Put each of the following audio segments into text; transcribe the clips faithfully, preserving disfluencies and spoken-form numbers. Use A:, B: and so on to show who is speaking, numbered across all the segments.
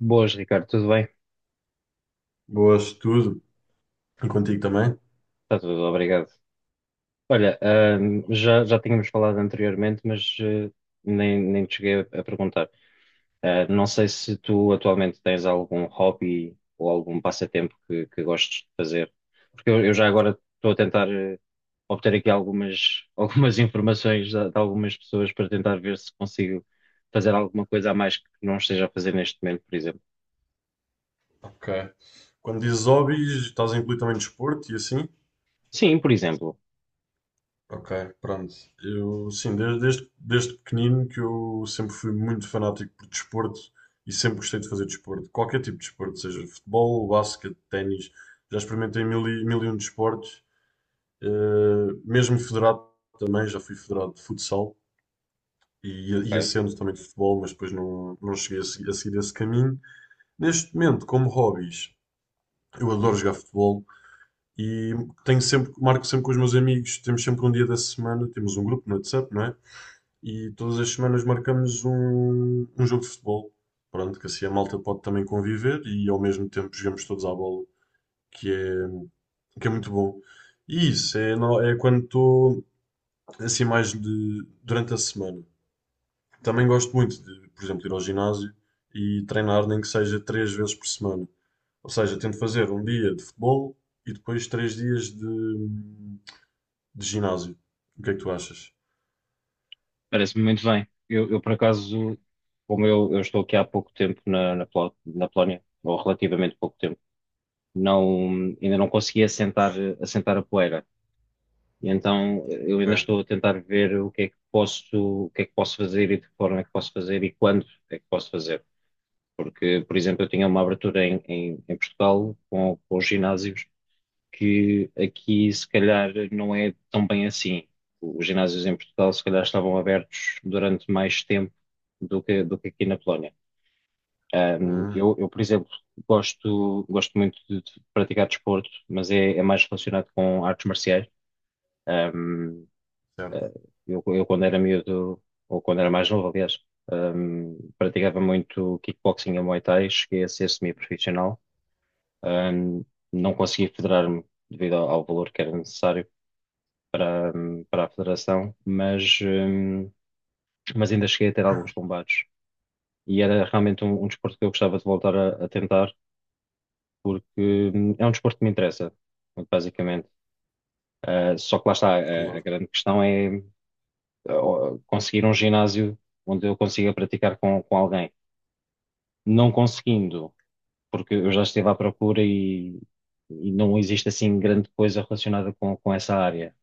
A: Boas, Ricardo, tudo bem?
B: Boas, tudo. E contigo também?
A: Está tudo, obrigado. Olha, ahm, já, já tínhamos falado anteriormente, mas eh, nem, nem te cheguei a, a perguntar. Ah, não sei se tu atualmente tens algum hobby ou algum passatempo que, que gostes de fazer, porque eu, eu já agora estou a tentar eh, obter aqui algumas, algumas informações de, de algumas pessoas para tentar ver se consigo fazer alguma coisa a mais que não esteja a fazer neste momento, por exemplo.
B: Ok. Quando dizes hobbies, estás a incluir também desporto e assim?
A: Sim, por exemplo.
B: Ok, pronto. Eu, sim, desde, desde, desde pequenino que eu sempre fui muito fanático por desporto e sempre gostei de fazer desporto. Qualquer tipo de desporto, seja futebol, basquete, ténis. Já experimentei mil e, mil e um desportos. Eh, Mesmo federado também, já fui federado de futsal e ia, ia
A: Ok.
B: sendo também de futebol, mas depois não, não cheguei a, se- a seguir esse caminho. Neste momento, como hobbies, eu adoro jogar futebol. E tenho sempre, marco sempre com os meus amigos, temos sempre um dia da semana, temos um grupo no WhatsApp, não é? E todas as semanas marcamos um, um jogo de futebol. Pronto, que assim a malta pode também conviver e ao mesmo tempo jogamos todos à bola, que é, que é muito bom. E isso é, no- é quando estou assim mais de, durante a semana. Também gosto muito de, por exemplo, ir ao ginásio e treinar nem que seja três vezes por semana. Ou seja, tento fazer um dia de futebol e depois três dias de, de ginásio. O que é que tu achas?
A: Parece-me muito bem. Eu, eu, por acaso, como eu, eu estou aqui há pouco tempo na, na, Pol- na Polónia, ou relativamente pouco tempo, não, ainda não consegui assentar, assentar a poeira. E então eu ainda
B: É.
A: estou a tentar ver o que é que posso, o que é que posso fazer e de que forma é que posso fazer e quando é que posso fazer. Porque, por exemplo, eu tinha uma abertura em, em, em Portugal com, com os ginásios que aqui se calhar não é tão bem assim. Os ginásios em Portugal se calhar estavam abertos durante mais tempo do que, do que aqui na Polónia. Ahm,
B: Uhum.
A: eu, eu, por exemplo, gosto, gosto muito de, de praticar desporto, mas é, é mais relacionado com artes marciais. Ahm,
B: Certo,
A: ah, eu, eu, quando era miúdo, ou quando era mais novo, aliás, ahm, praticava muito kickboxing e Muay Thai, cheguei a ser semi-profissional. Ahm, não consegui federar-me devido ao ao valor que era necessário para, para a federação, mas, hum, mas ainda cheguei a ter alguns combates. E era realmente um, um desporto que eu gostava de voltar a, a tentar, porque hum, é um desporto que me interessa, basicamente. Ah, só que lá está, a, a
B: claro,
A: grande questão é ah, conseguir um ginásio onde eu consiga praticar com, com alguém. Não conseguindo, porque eu já estive à procura e, e não existe assim grande coisa relacionada com, com essa área.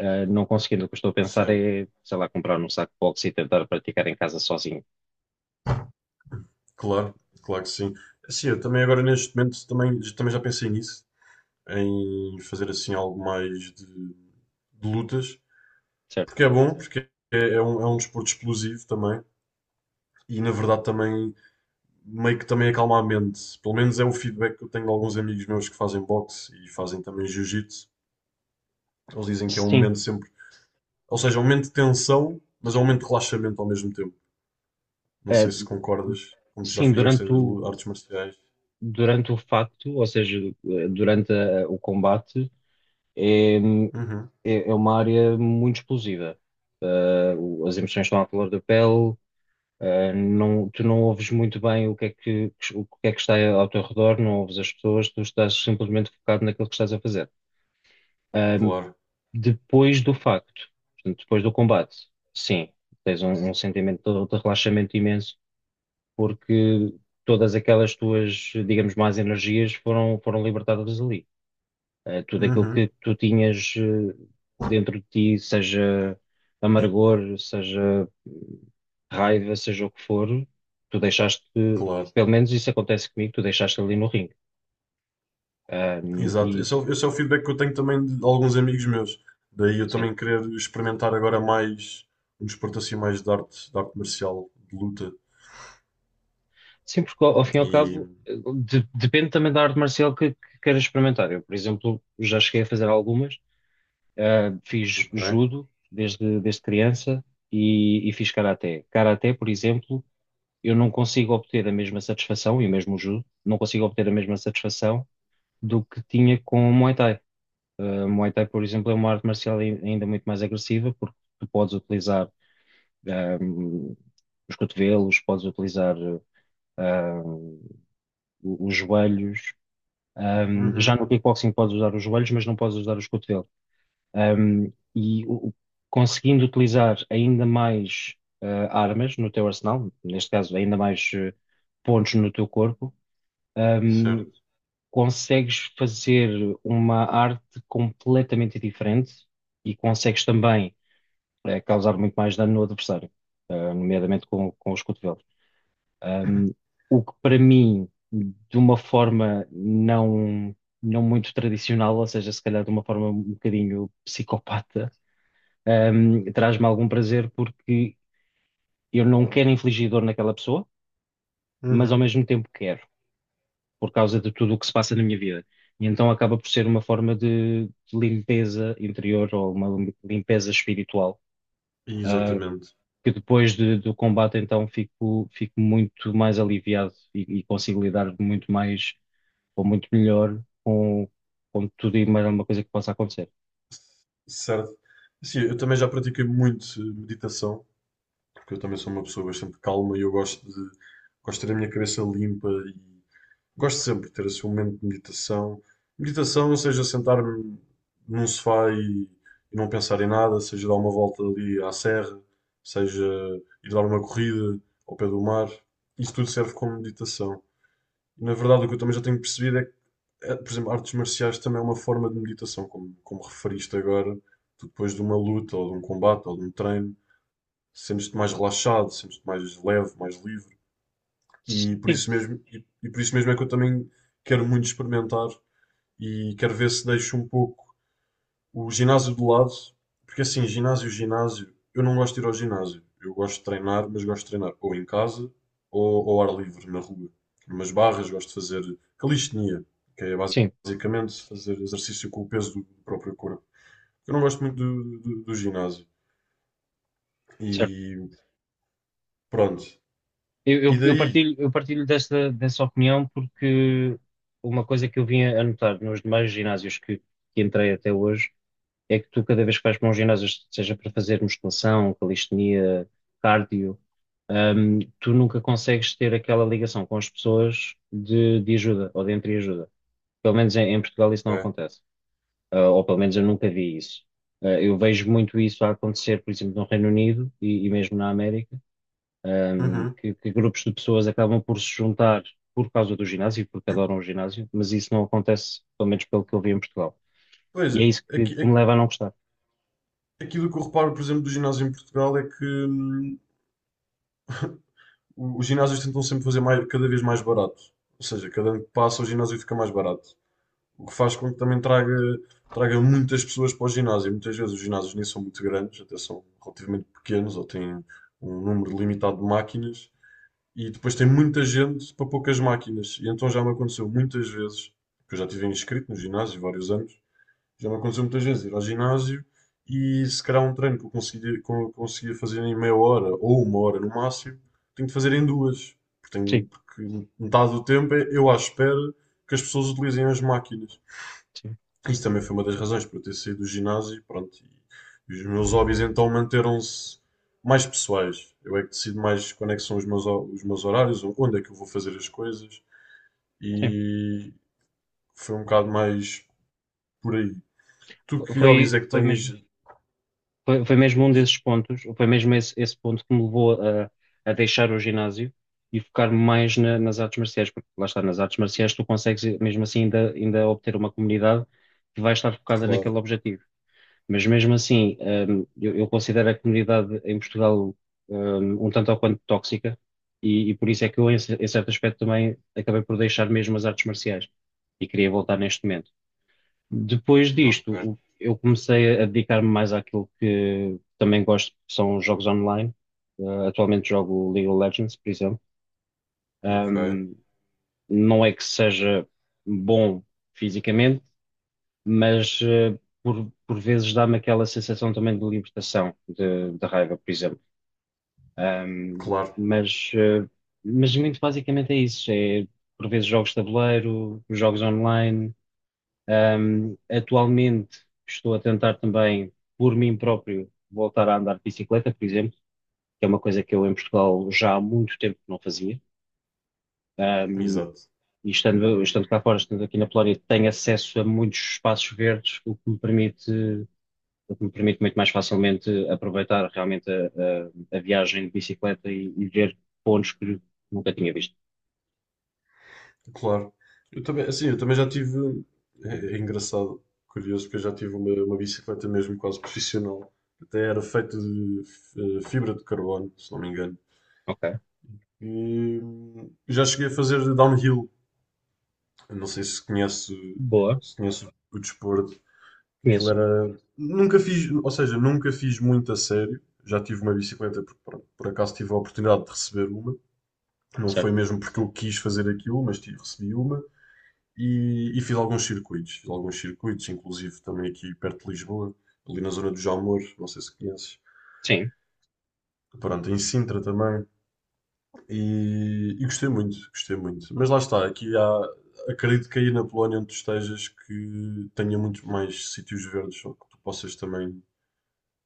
A: Uh, não conseguindo, o que eu estou a pensar
B: certo,
A: é, sei lá, comprar um saco de boxe e tentar praticar em casa sozinho,
B: claro, claro que sim. Assim, eu também agora neste momento também, também já pensei nisso, em fazer assim algo mais de, de lutas,
A: certo?
B: porque é bom, porque é, é um, é um desporto explosivo também, e na verdade também meio que também acalma a mente. Pelo menos é o feedback que eu tenho de alguns amigos meus que fazem boxe e fazem também jiu-jitsu. Eles dizem que é um
A: Sim,
B: momento sempre, ou seja, é um momento de tensão, mas é um momento de relaxamento ao mesmo tempo. Não
A: uh,
B: sei se concordas, como tu já
A: sim,
B: fizeste de
A: durante o,
B: lu- artes marciais.
A: durante o facto, ou seja, uh, durante a- o combate, é,
B: Uhum,
A: é, é uma área muito explosiva. Uh, o- as emoções estão à flor da pele, uh, não, tu não ouves muito bem o que é que, o que é que está ao teu redor, não ouves as pessoas, tu estás simplesmente focado naquilo que estás a fazer. Eh,
B: claro.
A: Depois do facto, portanto, depois do combate, sim, tens um, um sentimento de, de relaxamento imenso, porque todas aquelas tuas, digamos, más energias foram, foram libertadas ali. Eh, tudo aquilo
B: Uhum,
A: que tu tinhas eh, dentro de ti, seja amargor, seja raiva, seja o que for, tu deixaste,
B: claro.
A: pelo menos isso acontece comigo, tu deixaste ali no ringue. Ah,
B: Exato.
A: e
B: Esse é, o, esse é o feedback que eu tenho também de alguns amigos meus. Daí eu
A: sim.
B: também querer experimentar agora mais um desporto assim mais de arte, de arte marcial, de luta.
A: Sim, porque ao ao fim e ao
B: E.
A: cabo eh, de- depende também da arte marcial que, que queiras experimentar. Eu, por exemplo, já cheguei a fazer algumas. Ah, fiz
B: Ok.
A: judo desde, desde criança e, e fiz karaté. Karaté, por exemplo, eu não consigo obter a mesma satisfação, e mesmo o judo, não consigo obter a mesma satisfação do que tinha com o Muay Thai. Ah, Muay Thai, por exemplo, é uma arte marcial ai- ainda muito mais agressiva, porque tu podes utilizar ah, os cotovelos, podes utilizar. ah, o- os joelhos. Um, já
B: Uhum,
A: no kickboxing podes usar os joelhos, mas não podes usar os cotovelos. Um, e o- Conseguindo utilizar ainda mais uh, armas no teu arsenal, neste caso ainda mais uh, pontos no teu corpo, um,
B: certo.
A: consegues fazer uma arte completamente diferente e consegues também uh, causar muito mais dano no adversário, uh, nomeadamente com, com os cotovelos. Um, o que para mim, de uma forma não, não muito tradicional, ou seja, se calhar de uma forma um bocadinho psicopata, um, traz-me algum prazer porque eu não quero infligir dor naquela pessoa, mas ao
B: Uhum,
A: mesmo tempo quero, por causa de tudo o que se passa na minha vida. E então acaba por ser uma forma de, de limpeza interior ou uma lim- limpeza espiritual. uh,
B: exatamente.
A: que depois de- do combate então fico, fico muito mais aliviado e, e consigo lidar muito mais ou muito melhor com, com tudo e mais alguma coisa que possa acontecer.
B: Certo. Sim, eu também já pratiquei muito eh, meditação, porque eu também sou uma pessoa bastante calma e eu gosto de, gosto de ter a minha cabeça limpa. Gosto sempre de ter assim um momento de meditação. Meditação, seja sentar-me num sofá e, e não pensar em nada, seja dar uma volta ali à serra, seja ir dar uma corrida ao pé do mar. Isso tudo serve como meditação. E, na verdade, o que eu também já tenho percebido é que, eh, por exemplo, artes marciais também é uma forma de meditação, como, como referiste agora. Tu depois de uma luta ou de um combate ou de um treino, sentes-te mais relaxado, sentes-te mais leve, mais livre. E por
A: Sim,
B: isso mesmo, e, e por isso mesmo é que eu também quero muito experimentar e quero ver se deixo um pouco o ginásio de lado, porque assim, ginásio, ginásio, eu não gosto de ir ao ginásio. Eu gosto de treinar, mas gosto de treinar ou em casa ou ao ar livre, na rua. Umas barras, gosto de fazer calistenia, que é
A: sim,
B: basicamente fazer exercício com o peso do do próprio corpo. Eu não gosto muito do, do- do ginásio.
A: certo.
B: E pronto.
A: Eu,
B: E
A: eu- eu
B: daí?
A: partilho, eu partilho dessa, dessa opinião porque uma coisa que eu vim a notar nos demais ginásios que, que entrei até hoje é que tu, cada vez que vais para um ginásio, seja para fazer musculação, calistenia, cardio, hum, tu nunca consegues ter aquela ligação com as pessoas de, de ajuda ou de entreajuda. Pelo menos em, em Portugal isso não
B: É.
A: acontece. Ah, ou pelo menos eu nunca vi isso. Ah, eu vejo muito isso a acontecer, por exemplo, no Reino Unido e, e mesmo na América, ahm,
B: Uhum.
A: que, que grupos de pessoas acabam por se juntar por causa do ginásio, porque adoram o ginásio, mas isso não acontece, pelo menos pelo que eu vi em Portugal.
B: Pois,
A: E é isso que,
B: aqui,
A: que me leva a não gostar.
B: aquilo que eu reparo, por exemplo, do ginásio em Portugal é que hum, o- os ginásios tentam sempre fazer mais- cada vez mais barato. Ou seja, cada ano que passa o ginásio fica mais barato. O que faz com que também traga, traga muitas pessoas para o ginásio. Muitas vezes os ginásios nem são muito grandes, até são relativamente pequenos ou têm um número limitado de máquinas. E depois tem muita gente para poucas máquinas. E então já me aconteceu muitas vezes, que eu já tive inscrito no ginásio vários anos. Já me aconteceu muitas vezes ir ao ginásio e se calhar um treino que eu conseguia, que eu conseguia fazer em meia hora ou uma hora no máximo, tenho de fazer em duas. Porque,
A: Sim,
B: tenho- porque metade do tempo é eu à espera que as pessoas utilizem as máquinas.
A: sim,
B: Isso também foi uma das razões para eu ter saído do ginásio, pronto, e, e os meus hobbies então manteram-se mais pessoais. Eu é que decido mais quando é que são os meus, ho- os meus horários, onde é que eu vou fazer as coisas,
A: sim.
B: e foi um bocado mais por aí. Tu que
A: Foi,
B: hobbies é que
A: foi mesmo.
B: tens?
A: Foi, foi mesmo um desses pontos, ou foi mesmo esse, esse ponto que me levou a, a deixar o ginásio e focar mais na- nas artes marciais, porque lá está, nas artes marciais tu consegues mesmo assim ainda, ainda obter uma comunidade que vai estar focada naquele
B: Claro,
A: objetivo. Mas mesmo assim, hum, eu, eu considero a comunidade em Portugal, hum, um tanto ou quanto tóxica e, e por isso é que eu, em, ce- em certo aspecto, também acabei por deixar mesmo as artes marciais e queria voltar neste momento. Depois disto,
B: ok,
A: o- eu comecei a dedicar-me mais àquilo que também gosto, que são jogos online. Uh, atualmente jogo League of Legends, por exemplo.
B: ok.
A: Um, não é que seja bom fisicamente, mas uh, por, por vezes dá-me aquela sensação também de libertação, de, de raiva, por exemplo. Um,
B: Claro,
A: mas, uh, mas muito basicamente é isso. É por vezes jogos de tabuleiro, jogos online. Um, atualmente estou a tentar também, por mim próprio, voltar a andar de bicicleta, por exemplo, que é uma coisa que eu em Portugal já há muito tempo que não fazia. Um,
B: exato.
A: e estando, estando cá fora, estando aqui na Polónia, tenho acesso a muitos espaços verdes, o que me permite, o que me permite muito mais facilmente aproveitar realmente a, a- a viagem de bicicleta e, e ver pontos que nunca tinha visto.
B: Claro. Eu também, assim, eu também já tive. É, é engraçado, curioso, porque eu já tive uma, uma bicicleta mesmo quase profissional. Até era feita de eh, fibra de carbono, se não me engano.
A: Ok,
B: E hum, já cheguei a fazer downhill. Eu não sei se conhece,
A: boa,
B: se conhece o desporto. Aquilo
A: conheço,
B: era. Nunca fiz, ou seja, nunca fiz muito a sério. Já tive uma bicicleta, porque, pronto, por acaso tive a oportunidade de receber uma. Não foi
A: certo?
B: mesmo porque eu quis fazer aquilo, mas tive- recebi uma e, e fiz alguns circuitos. Fiz alguns circuitos, inclusive também aqui perto de Lisboa, ali na zona do Jamor, não sei se conheces.
A: Sim.
B: Pronto, em Sintra também. E, e gostei muito, gostei muito. Mas lá está, aqui há, acredito que aí na Polónia onde tu estejas que tenha muito mais sítios verdes ou que tu possas também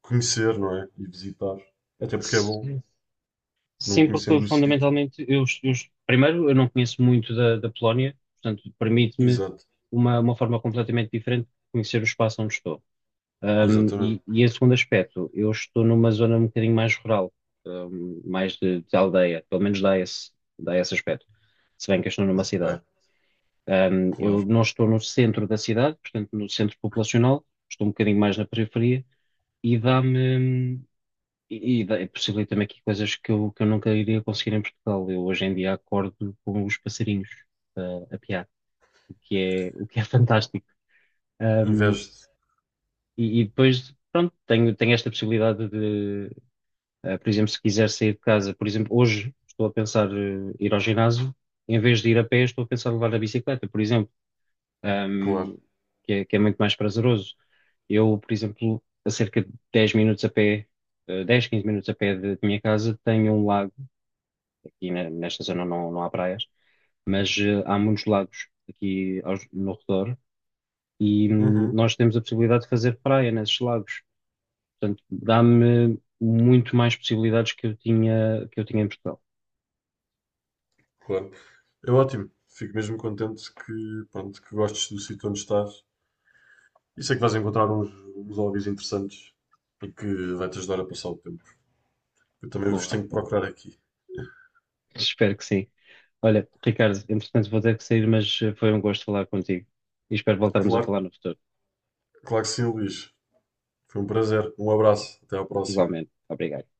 B: conhecer, não é? E visitar. Até porque é bom, não
A: Sim, porque
B: conhecendo o sítio.
A: fundamentalmente eu, eu primeiro eu não conheço muito da, da Polónia, portanto permite-me
B: Exato,
A: uma, uma forma completamente diferente de conhecer o espaço onde estou. Ahm, e,
B: exatamente.
A: e em segundo aspecto, eu estou numa zona um bocadinho mais rural, ahm, mais de, de aldeia, pelo menos dá esse, dá esse aspecto, se bem que eu estou numa
B: Ok,
A: cidade. Ahm, eu
B: claro.
A: não estou no centro da cidade, portanto no centro populacional, estou um bocadinho mais na periferia e dá-me e, e dá- possibilita-me aqui coisas que eu, que eu nunca iria conseguir em Portugal. Eu hoje em dia acordo com os passarinhos ah, a piar, o que é, o que é fantástico. Ahm,
B: Investe,
A: e, e depois, pronto, tenho, tenho esta possibilidade de, ah, por exemplo, se quiser sair de casa, por exemplo, hoje estou a pensar eh, ir ao ginásio, em vez de ir a pé, estou a pensar levar a bicicleta, por exemplo, ahm,
B: claro.
A: que é, que é muito mais prazeroso. Eu, por exemplo, a cerca de dez minutos a pé, eh, dez, quinze minutos a pé de de minha casa, tenho um lago e ne- nesta zona não, não há praias, mas eh, há muitos lagos aqui aos- no redor e hum,
B: Uhum,
A: nós temos a possibilidade de fazer praia nesses lagos. Portanto, dá-me muito mais possibilidades que eu tinha, que eu tinha em Portugal.
B: claro. É ótimo. Fico mesmo contente que, pronto, que gostes do sítio onde estás. E sei que vais encontrar uns, uns hobbies interessantes e que vai te ajudar a passar o tempo. Eu também vos
A: Boa.
B: tenho que procurar aqui.
A: Espero que sim. Olha, Ricardo, entretanto vou ter que sair, mas eh, foi um gosto falar contigo e espero voltarmos a
B: Claro,
A: falar no futuro.
B: claro que sim, Luís. Foi um prazer. Um abraço. Até à próxima.
A: Igualmente. Obrigado.